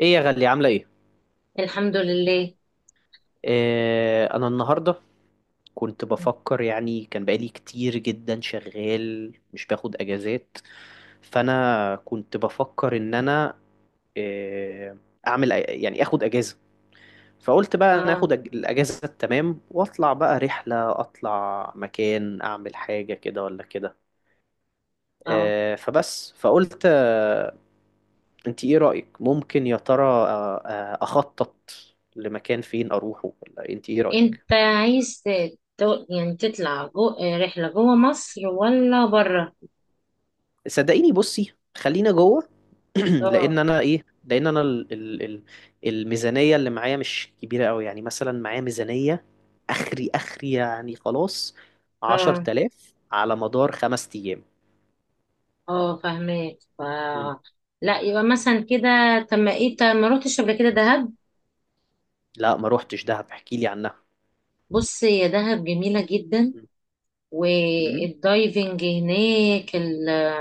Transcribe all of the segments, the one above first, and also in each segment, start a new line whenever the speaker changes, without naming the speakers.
ايه يا غالية، عاملة ايه؟
الحمد لله.
انا النهاردة كنت بفكر. يعني كان بقالي كتير جدا شغال مش باخد اجازات، فانا كنت بفكر ان انا آه اعمل أ- يعني اخد اجازة. فقلت بقى انا
اه.
الاجازة التمام واطلع بقى رحلة، اطلع مكان، اعمل حاجة كده ولا كده.
اه.
آه فبس فقلت آه انت ايه رأيك؟ ممكن يا ترى، اخطط لمكان فين اروحه؟ ولا انت ايه رأيك؟
انت عايز يعني تطلع رحلة جوه مصر ولا بره؟
صدقيني بصي، خلينا جوه.
اه.
لان انا ال ال ال الميزانيه اللي معايا مش كبيره قوي. يعني مثلا معايا ميزانيه اخري يعني، خلاص،
اه.
10,000 على مدار خمس ايام.
اه فاهمك.
مم.
لا، يبقى مثلا كده. طب ما ايه طب ما روحتش قبل كده دهب؟
لا، ما روحتش دهب، احكي لي عنها.
بص يا دهب، جميلة جدا.
مم. مم.
والدايفنج هناك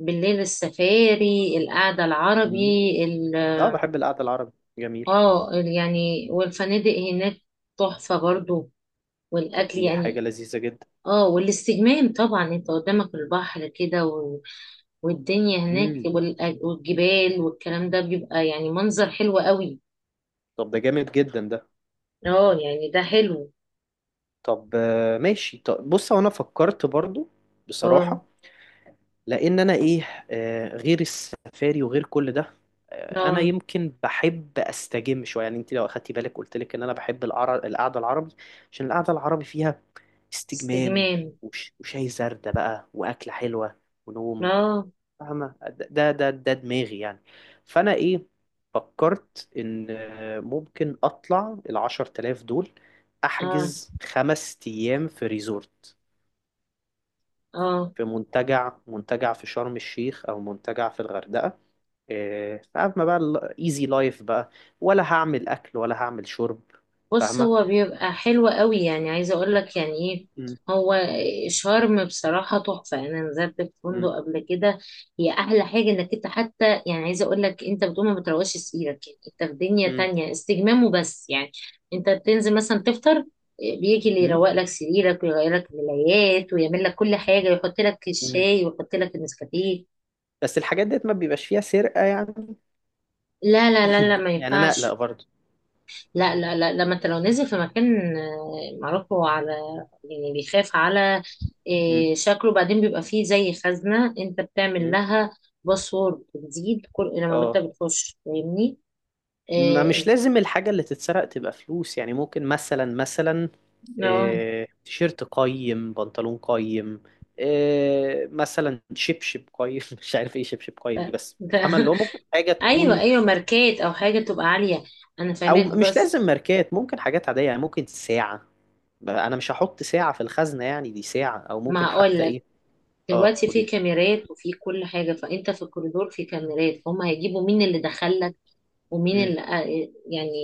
بالليل، السفاري، القعدة
مم.
العربي. ال...
اه، بحب القعده العربي، جميل.
اه يعني، والفنادق هناك تحفة برضو.
طب
والأكل
دي حاجه
يعني،
لذيذه جدا.
اه، والاستجمام طبعا. انت قدامك البحر كده والدنيا هناك
مم.
والجبال والكلام ده بيبقى يعني منظر حلو قوي.
طب ده جامد جدا ده.
اه يعني، ده حلو.
طب ماشي. طب بص، هو انا فكرت برضو
اه.
بصراحه، لان انا ايه، غير السفاري وغير كل ده، انا
اه.
يمكن بحب استجم شويه. يعني انت لو اخدتي بالك، قلت لك ان انا بحب القعده العربي، عشان القعده العربي فيها استجمام
استجمام.
وشاي زردة بقى، واكله حلوه، ونوم.
اه.
فاهمه؟ ده دماغي يعني. فانا ايه، فكرت ان ممكن اطلع العشر تلاف دول،
اه.
احجز خمس ايام في ريزورت،
اه.
في منتجع في شرم الشيخ، او منتجع في الغردقه. فاهمة بقى، الايزي لايف بقى، ولا هعمل اكل ولا هعمل شرب.
بص،
فاهمة؟
هو بيبقى حلو قوي، يعني عايزه اقول لك يعني ايه.
مم.
هو شرم بصراحه تحفه، انا نزلت في فندق
مم.
قبل كده. هي احلى حاجه انك انت حتى، يعني عايزه اقول لك، انت بتقوم ما بتروقش سريرك، يعني انت في دنيا
مم.
تانية، استجمام وبس يعني. انت بتنزل مثلا تفطر، بيجي اللي
مم.
يروق لك سريرك ويغير لك الملايات ويعمل لك كل حاجه، يحط لك
مم.
الشاي ويحط لك النسكافيه.
بس الحاجات ديت ما بيبقاش فيها سرقة يعني.
لا لا لا لا، ما
يعني انا
ينفعش.
اقلق برضه.
لا لا لا، لما انت لو نزل في مكان معروف، هو على يعني بيخاف على
مم.
شكله بعدين. بيبقى فيه زي خزنة انت بتعمل
مم.
لها باسورد جديد كل لما انت
اه.
بتخش، فاهمني؟
ما مش
آه،
لازم الحاجة اللي تتسرق تبقى فلوس. يعني ممكن، مثلا،
آه،
تيشيرت قيم، بنطلون قيم، مثلا شبشب قيم مش عارف ايه شبشب قيم دي، بس
انت
فاهمة اللي هو ممكن حاجة
ايوه
تكون،
ايوه، ماركات او حاجة تبقى عالية. انا
او
فاهمك
مش
بس.
لازم ماركات، ممكن حاجات عاديه. يعني ممكن ساعه. انا مش هحط ساعه في الخزنه. يعني دي ساعه، او
ما
ممكن
هقول
حتى
لك،
ايه. اه،
دلوقتي
قولي
في
لي.
كاميرات وفي كل حاجة، فانت في الكوريدور في كاميرات، فهم هيجيبوا مين اللي دخل ومين
أم،
اللي يعني،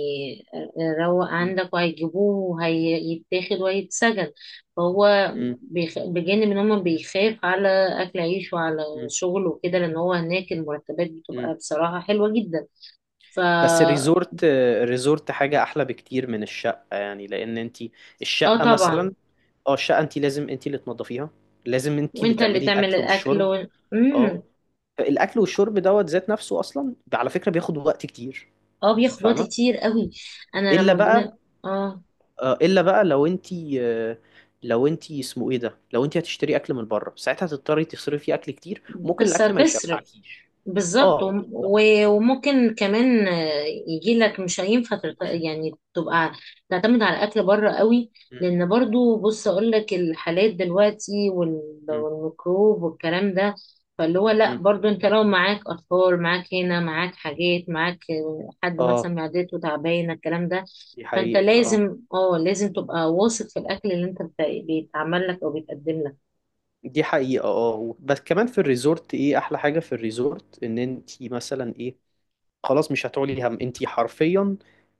روق
أم،
عندك، وهيجيبوه وهيتاخد وهيتسجن. فهو
أم،
بجانب ان هم بيخاف على اكل عيش وعلى
أم،
شغله وكده، لان هو هناك المرتبات
أم.
بتبقى بصراحة حلوة جدا. ف
بس
اه
الريزورت، الريزورت حاجه احلى بكتير من الشقه. يعني لان انت الشقه
طبعا.
مثلا، اه الشقه انت لازم انت اللي تنظفيها، لازم انت اللي
وانت اللي
تعملي
تعمل
الاكل
الاكل
والشرب. اه.
مم.
الاكل والشرب دوت ذات نفسه اصلا على فكره بياخد وقت كتير.
اه، بياخد وقت
فاهمه؟
كتير قوي. انا
الا
لما
بقى،
بن... اه،
الا بقى لو انتي، لو انتي اسمه ايه ده، لو انتي هتشتري اكل من بره، ساعتها هتضطري تصرفي فيه اكل كتير وممكن
بس
الاكل ما
هتصرف.
يشبعكيش.
بالظبط،
اه بالظبط.
وممكن كمان يجي لك، مش هينفع يعني تبقى تعتمد على الاكل بره قوي.
مم،
لان برضو بص اقول لك، الحالات دلوقتي
مم،
والميكروب والكلام ده، فاللي هو لا،
مم.
برضو انت لو معاك اطفال، معاك هنا، معاك حاجات، معاك حد
اه
مثلا معدته تعبانه، الكلام ده.
دي
فانت
حقيقة اه.
لازم لازم تبقى واثق في الاكل اللي انت بيتعمل لك او بيتقدم لك.
دي حقيقة اه. بس كمان في الريزورت ايه احلى حاجة في الريزورت، ان انتي مثلا ايه، خلاص مش هتعولي هم، انتي حرفيا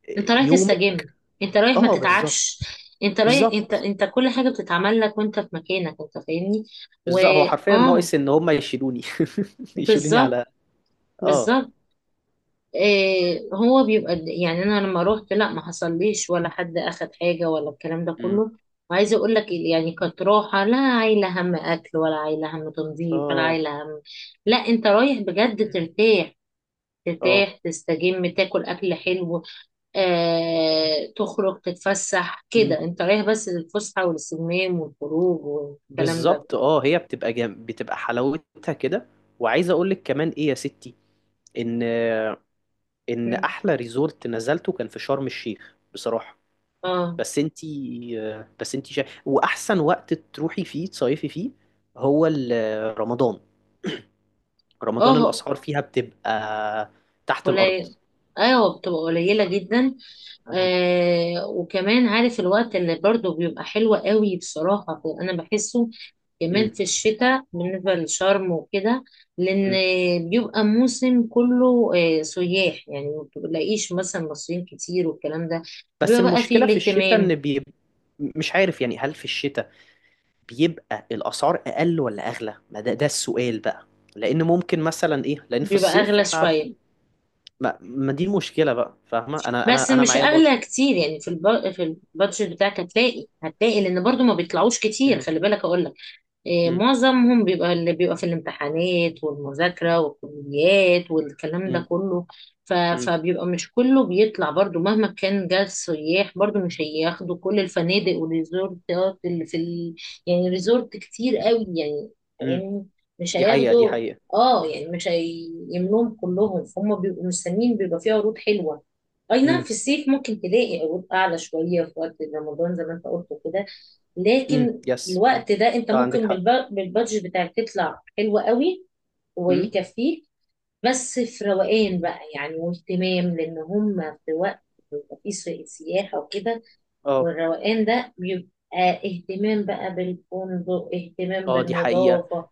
انت رايح
يومك.
تستجم، انت رايح ما
اه بالظبط.
تتعبش. انت رايح، انت
بالظبط.
انت كل حاجه بتتعمل لك وانت في مكانك، انت فاهمني. و
بالظبط، هو حرفيا
اه
ناقص ان هما يشيلوني يشيلوني
بالظبط.
على. اه.
بالظبط. إيه، هو بيبقى يعني انا لما روحت، لا ما حصليش ولا حد اخد حاجه ولا الكلام ده
مم.
كله. وعايزه اقول لك يعني كانت راحه، لا عايله هم اكل ولا عايله هم تنظيف ولا
اه.
عايله هم. لا، انت رايح بجد
مم.
ترتاح،
اه
ترتاح، تستجم، تاكل اكل حلو. تخرج، تتفسح كده. انت رايح بس للفسحة والاستجمام والخروج والكلام ده.
بالظبط. اه، هي بتبقى جم... بتبقى حلاوتها كده. وعايز اقول لك كمان ايه يا ستي، ان ان
مم.
احلى ريزورت نزلته كان في شرم الشيخ بصراحة.
اه.
بس انتي، بس انتي شا... واحسن وقت تروحي فيه تصيفي فيه هو رمضان. رمضان
اه.
الاسعار فيها بتبقى تحت الارض.
قليل. ايوه، بتبقى قليلة جدا.
مم.
وكمان عارف الوقت اللي برضو بيبقى حلو قوي بصراحة، انا بحسه كمان
مم.
في الشتاء بالنسبة للشرم وكده، لأن
مم.
بيبقى موسم كله سياح، يعني ما بتلاقيش مثلا مصريين كتير والكلام ده.
بس
بيبقى بقى فيه
المشكلة في الشتاء
الاهتمام.
ان بي... مش عارف يعني، هل في الشتاء بيبقى الاسعار اقل ولا اغلى؟ ما ده ده السؤال بقى. لان ممكن مثلا ايه، لان في
بيبقى
الصيف
أغلى
احنا
شوية،
عارفين. ما, ما دي المشكله بقى. فاهمه، انا
بس
انا انا
مش
معايا بط...
اغلى كتير. يعني في في البادجت بتاعك هتلاقي هتلاقي، لان برضو ما بيطلعوش كتير،
م-
خلي بالك اقول لك. إيه،
م-
معظمهم بيبقى، اللي بيبقى في الامتحانات والمذاكرة والكليات والكلام ده
م-
كله.
م-
فبيبقى مش كله بيطلع، برضو مهما كان جه السياح، برضو مش هياخدوا كل الفنادق والريزورتات اللي في يعني ريزورت كتير قوي يعني،
م-
فاهمني. مش
دي حقيقه، دي
هياخدوا.
حقيقه.
اه، يعني مش هيملوهم كلهم، فهم بيبقوا مستنيين، بيبقى فيه عروض حلوة. اي نعم،
م-
في الصيف ممكن تلاقي عروض اعلى شوية في وقت رمضان زي ما انت قلت كده. لكن
يس.
الوقت ده انت
اه عندك
ممكن
حق.
بالبادجت بتاعك تطلع حلوة قوي
م-
ويكفيك، بس في روقان بقى يعني واهتمام، لان هم في وقت بيبقى فيه سياحة وكده.
اه.
والروقان ده بيبقى اهتمام بقى بالفندق، اهتمام
اه دي حقيقه.
بالنظافة،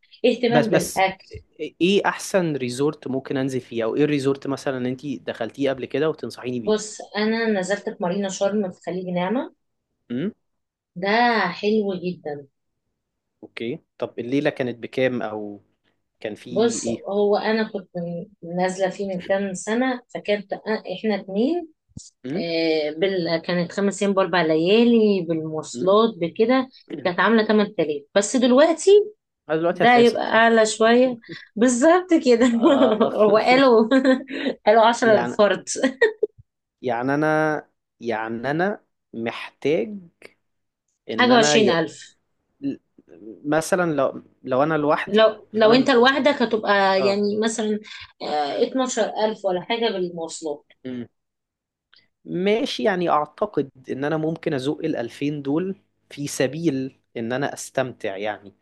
بس
اهتمام
بس،
بالأكل.
ايه احسن ريزورت ممكن انزل فيه؟ او ايه الريزورت مثلا انت دخلتيه قبل كده وتنصحيني بيه؟
بص، أنا نزلت في مارينا شرم في خليج نعمة.
امم.
ده حلو جدا.
اوكي. طب الليله كانت بكام؟ او كان في
بص،
ايه؟
هو أنا كنت نازلة فيه من كام سنة، إحنا 2.
امم.
كانت 5 ايام باربع ليالي بالمواصلات بكده،
إمم.
كانت عامله 8000. بس دلوقتي
أنا دلوقتي
ده
هتلاقيه
يبقى اعلى
16.
شويه، بالظبط كده.
آه.
وقالوا قالوا 10
يعني،
الفرد،
يعني انا يعني انا محتاج ان
حاجه
انا
وعشرين
ي...
ألف
مثلا لو، لو انا لوحدي،
لو
فانا
انت
م-،
لوحدك، هتبقى
اه.
يعني مثلا 12000 ولا حاجه بالمواصلات.
مم. ماشي. يعني اعتقد ان انا ممكن ازق ال 2000 دول في سبيل ان انا استمتع يعني.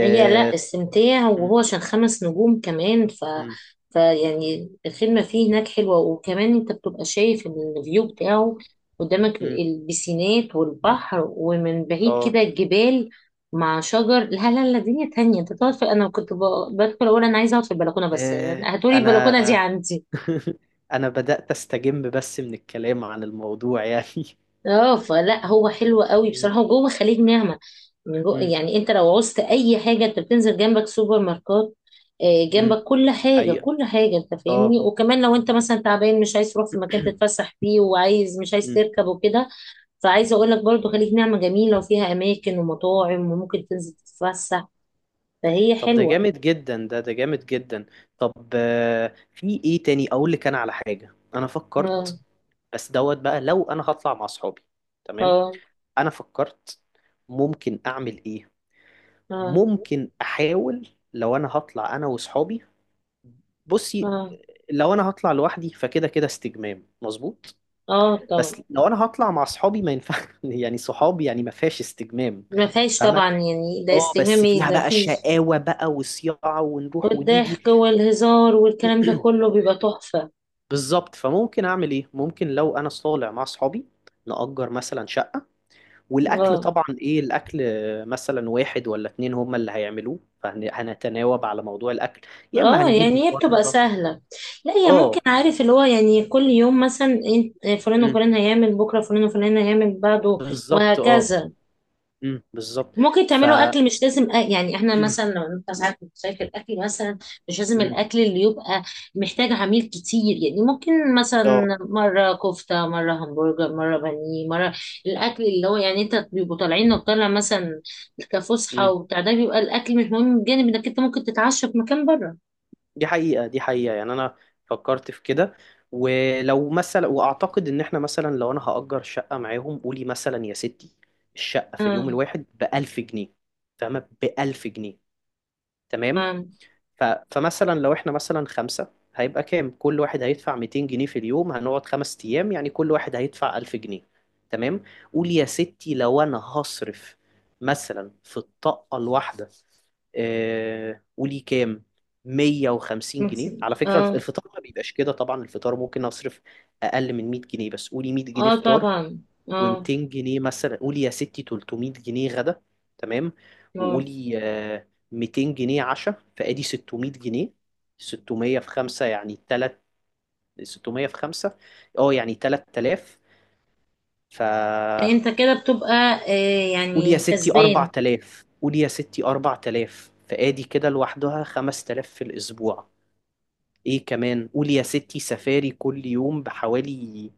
هي لا السمتية،
مم.
وهو عشان 5 نجوم كمان.
مم.
فيعني الخدمة فيه هناك حلوة، وكمان انت بتبقى شايف الفيو بتاعه، قدامك
مم.
البسينات والبحر ومن بعيد
اه.
كده الجبال مع شجر. لا لا لا، دنيا تانية. انت تقعد في، انا كنت بدخل اقول، انا عايزة اقعد في البلكونة بس، يعني هاتولي البلكونة دي
انا
عندي.
انا بدأت استجم بس من الكلام عن الموضوع يعني.
اه، فلا، هو حلو قوي
مم.
بصراحه، هو جوه خليج نعمه. من جوه
مم.
يعني انت لو عوزت اي حاجه، انت بتنزل جنبك سوبر ماركت،
مم.
جنبك كل حاجه،
حقيقة،
كل حاجه، انت فاهمني.
اه.
وكمان لو انت مثلا تعبان مش عايز تروح في مكان تتفسح فيه، وعايز مش عايز
مم.
تركب وكده، فعايزه اقول لك برضو، خليج نعمه جميله وفيها اماكن ومطاعم وممكن تنزل تتفسح، فهي
طب ده
حلوه.
جامد جدا ده، ده جامد جدا. طب في ايه تاني اقول لك، انا على حاجة انا
اه.
فكرت، بس دوت بقى، لو انا هطلع مع اصحابي. تمام.
اه.
انا فكرت ممكن اعمل ايه،
اه.
ممكن احاول لو انا هطلع انا واصحابي. بصي،
اه.
لو انا هطلع لوحدي، فكده كده استجمام مظبوط.
اه طبعا.
بس لو انا هطلع مع اصحابي ما ينفع يعني صحابي يعني ما فيهاش استجمام.
ما فيهاش
فاهمة؟
طبعا، يعني ده
اه،
استجمام،
بس
ايه
فيها
ده؟
بقى
فيش.
شقاوة بقى وصياعة، ونروح ونيجي.
والضحك والهزار والكلام ده كله بيبقى تحفة.
بالظبط. فممكن اعمل ايه؟ ممكن لو انا طالع مع اصحابي، نأجر مثلا شقة. والاكل،
اه.
طبعا ايه الاكل، مثلا واحد ولا اتنين هما اللي هيعملوه، فهنتناوب على موضوع الاكل، يا اما
اه
هنجيب من
يعني، هي بتبقى
بره.
سهلة. لا، هي ممكن
اه.
عارف اللي هو، يعني كل يوم مثلا فلان
أمم،
وفلان هيعمل، بكرة فلان وفلان هيعمل بعده،
بالظبط اه.
وهكذا.
بالظبط.
ممكن
ف،
تعملوا اكل مش لازم يعني احنا مثلا لو انت ساعات بتشارك الاكل مثلا، مش لازم
أمم،
الاكل اللي يبقى محتاج عميل كتير. يعني ممكن
اه.
مثلا مره كفته، مره همبرجر، مره بانيه، مره الاكل اللي هو يعني، انت بيبقوا طالعين، لو طالع مثلا كفسحه
أمم.
وبتاع ده، بيبقى الاكل مش مهم، بجانب انك انت ممكن تتعشى في مكان بره.
دي حقيقة، دي حقيقة يعني. أنا فكرت في كده. ولو مثلا، وأعتقد إن إحنا مثلا لو أنا هأجر شقة معاهم، قولي مثلا يا ستي الشقة في اليوم
اه.
الواحد بألف جنيه. فاهمة؟ بألف جنيه. تمام.
اه.
ف... فمثلا لو احنا مثلا خمسة، هيبقى كام؟ كل واحد هيدفع 200 جنيه في اليوم، هنقعد خمس ايام، يعني كل واحد هيدفع 1000 جنيه. تمام. قول يا ستي، لو انا هصرف مثلا في الطاقة الواحدة، قولي كام، 150 جنيه. على فكرة الف-
اه.
الفطار ما بيبقاش كده طبعا، الفطار ممكن اصرف اقل من 100 جنيه، بس قولي 100 جنيه
اه
فطار،
طبعا.
و200
اه.
جنيه مثلا، قولي يا ستي 300 جنيه غدا. تمام.
اه.
وقولي 200 جنيه عشاء. فادي 600 جنيه. 600 في 5 يعني 3، 600 في 5 اه يعني 3000. ف
انت كده بتبقى
قولي يا
يعني
ستي
كسبان.
4000، قولي يا ستي 4000 فادي كده لوحدها. 5000 في الاسبوع. ايه كمان، قولي يا ستي سفاري كل يوم بحوالي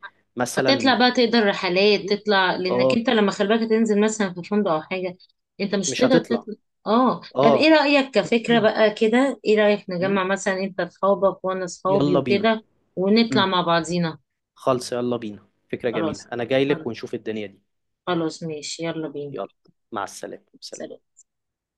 هتطلع
مثلا،
بقى، تقدر رحلات
ايه.
تطلع، لانك
اه،
انت لما خلي بالك تنزل مثلا في فندق او حاجه، انت مش
مش
هتقدر
هتطلع.
تطلع. اه، طب ايه
اه.
رايك كفكره بقى كده؟ ايه رايك
م؟
نجمع مثلا انت اصحابك وانا اصحابي
يلا بينا.
وكده، ونطلع
امم،
مع بعضينا.
خالص، يلا بينا، فكرة جميلة،
خلاص.
انا جاي لك،
خلاص.
ونشوف الدنيا دي.
خلاص، ماشي يلا بينا.
يلا. مع السلامة، سلام.
سلام.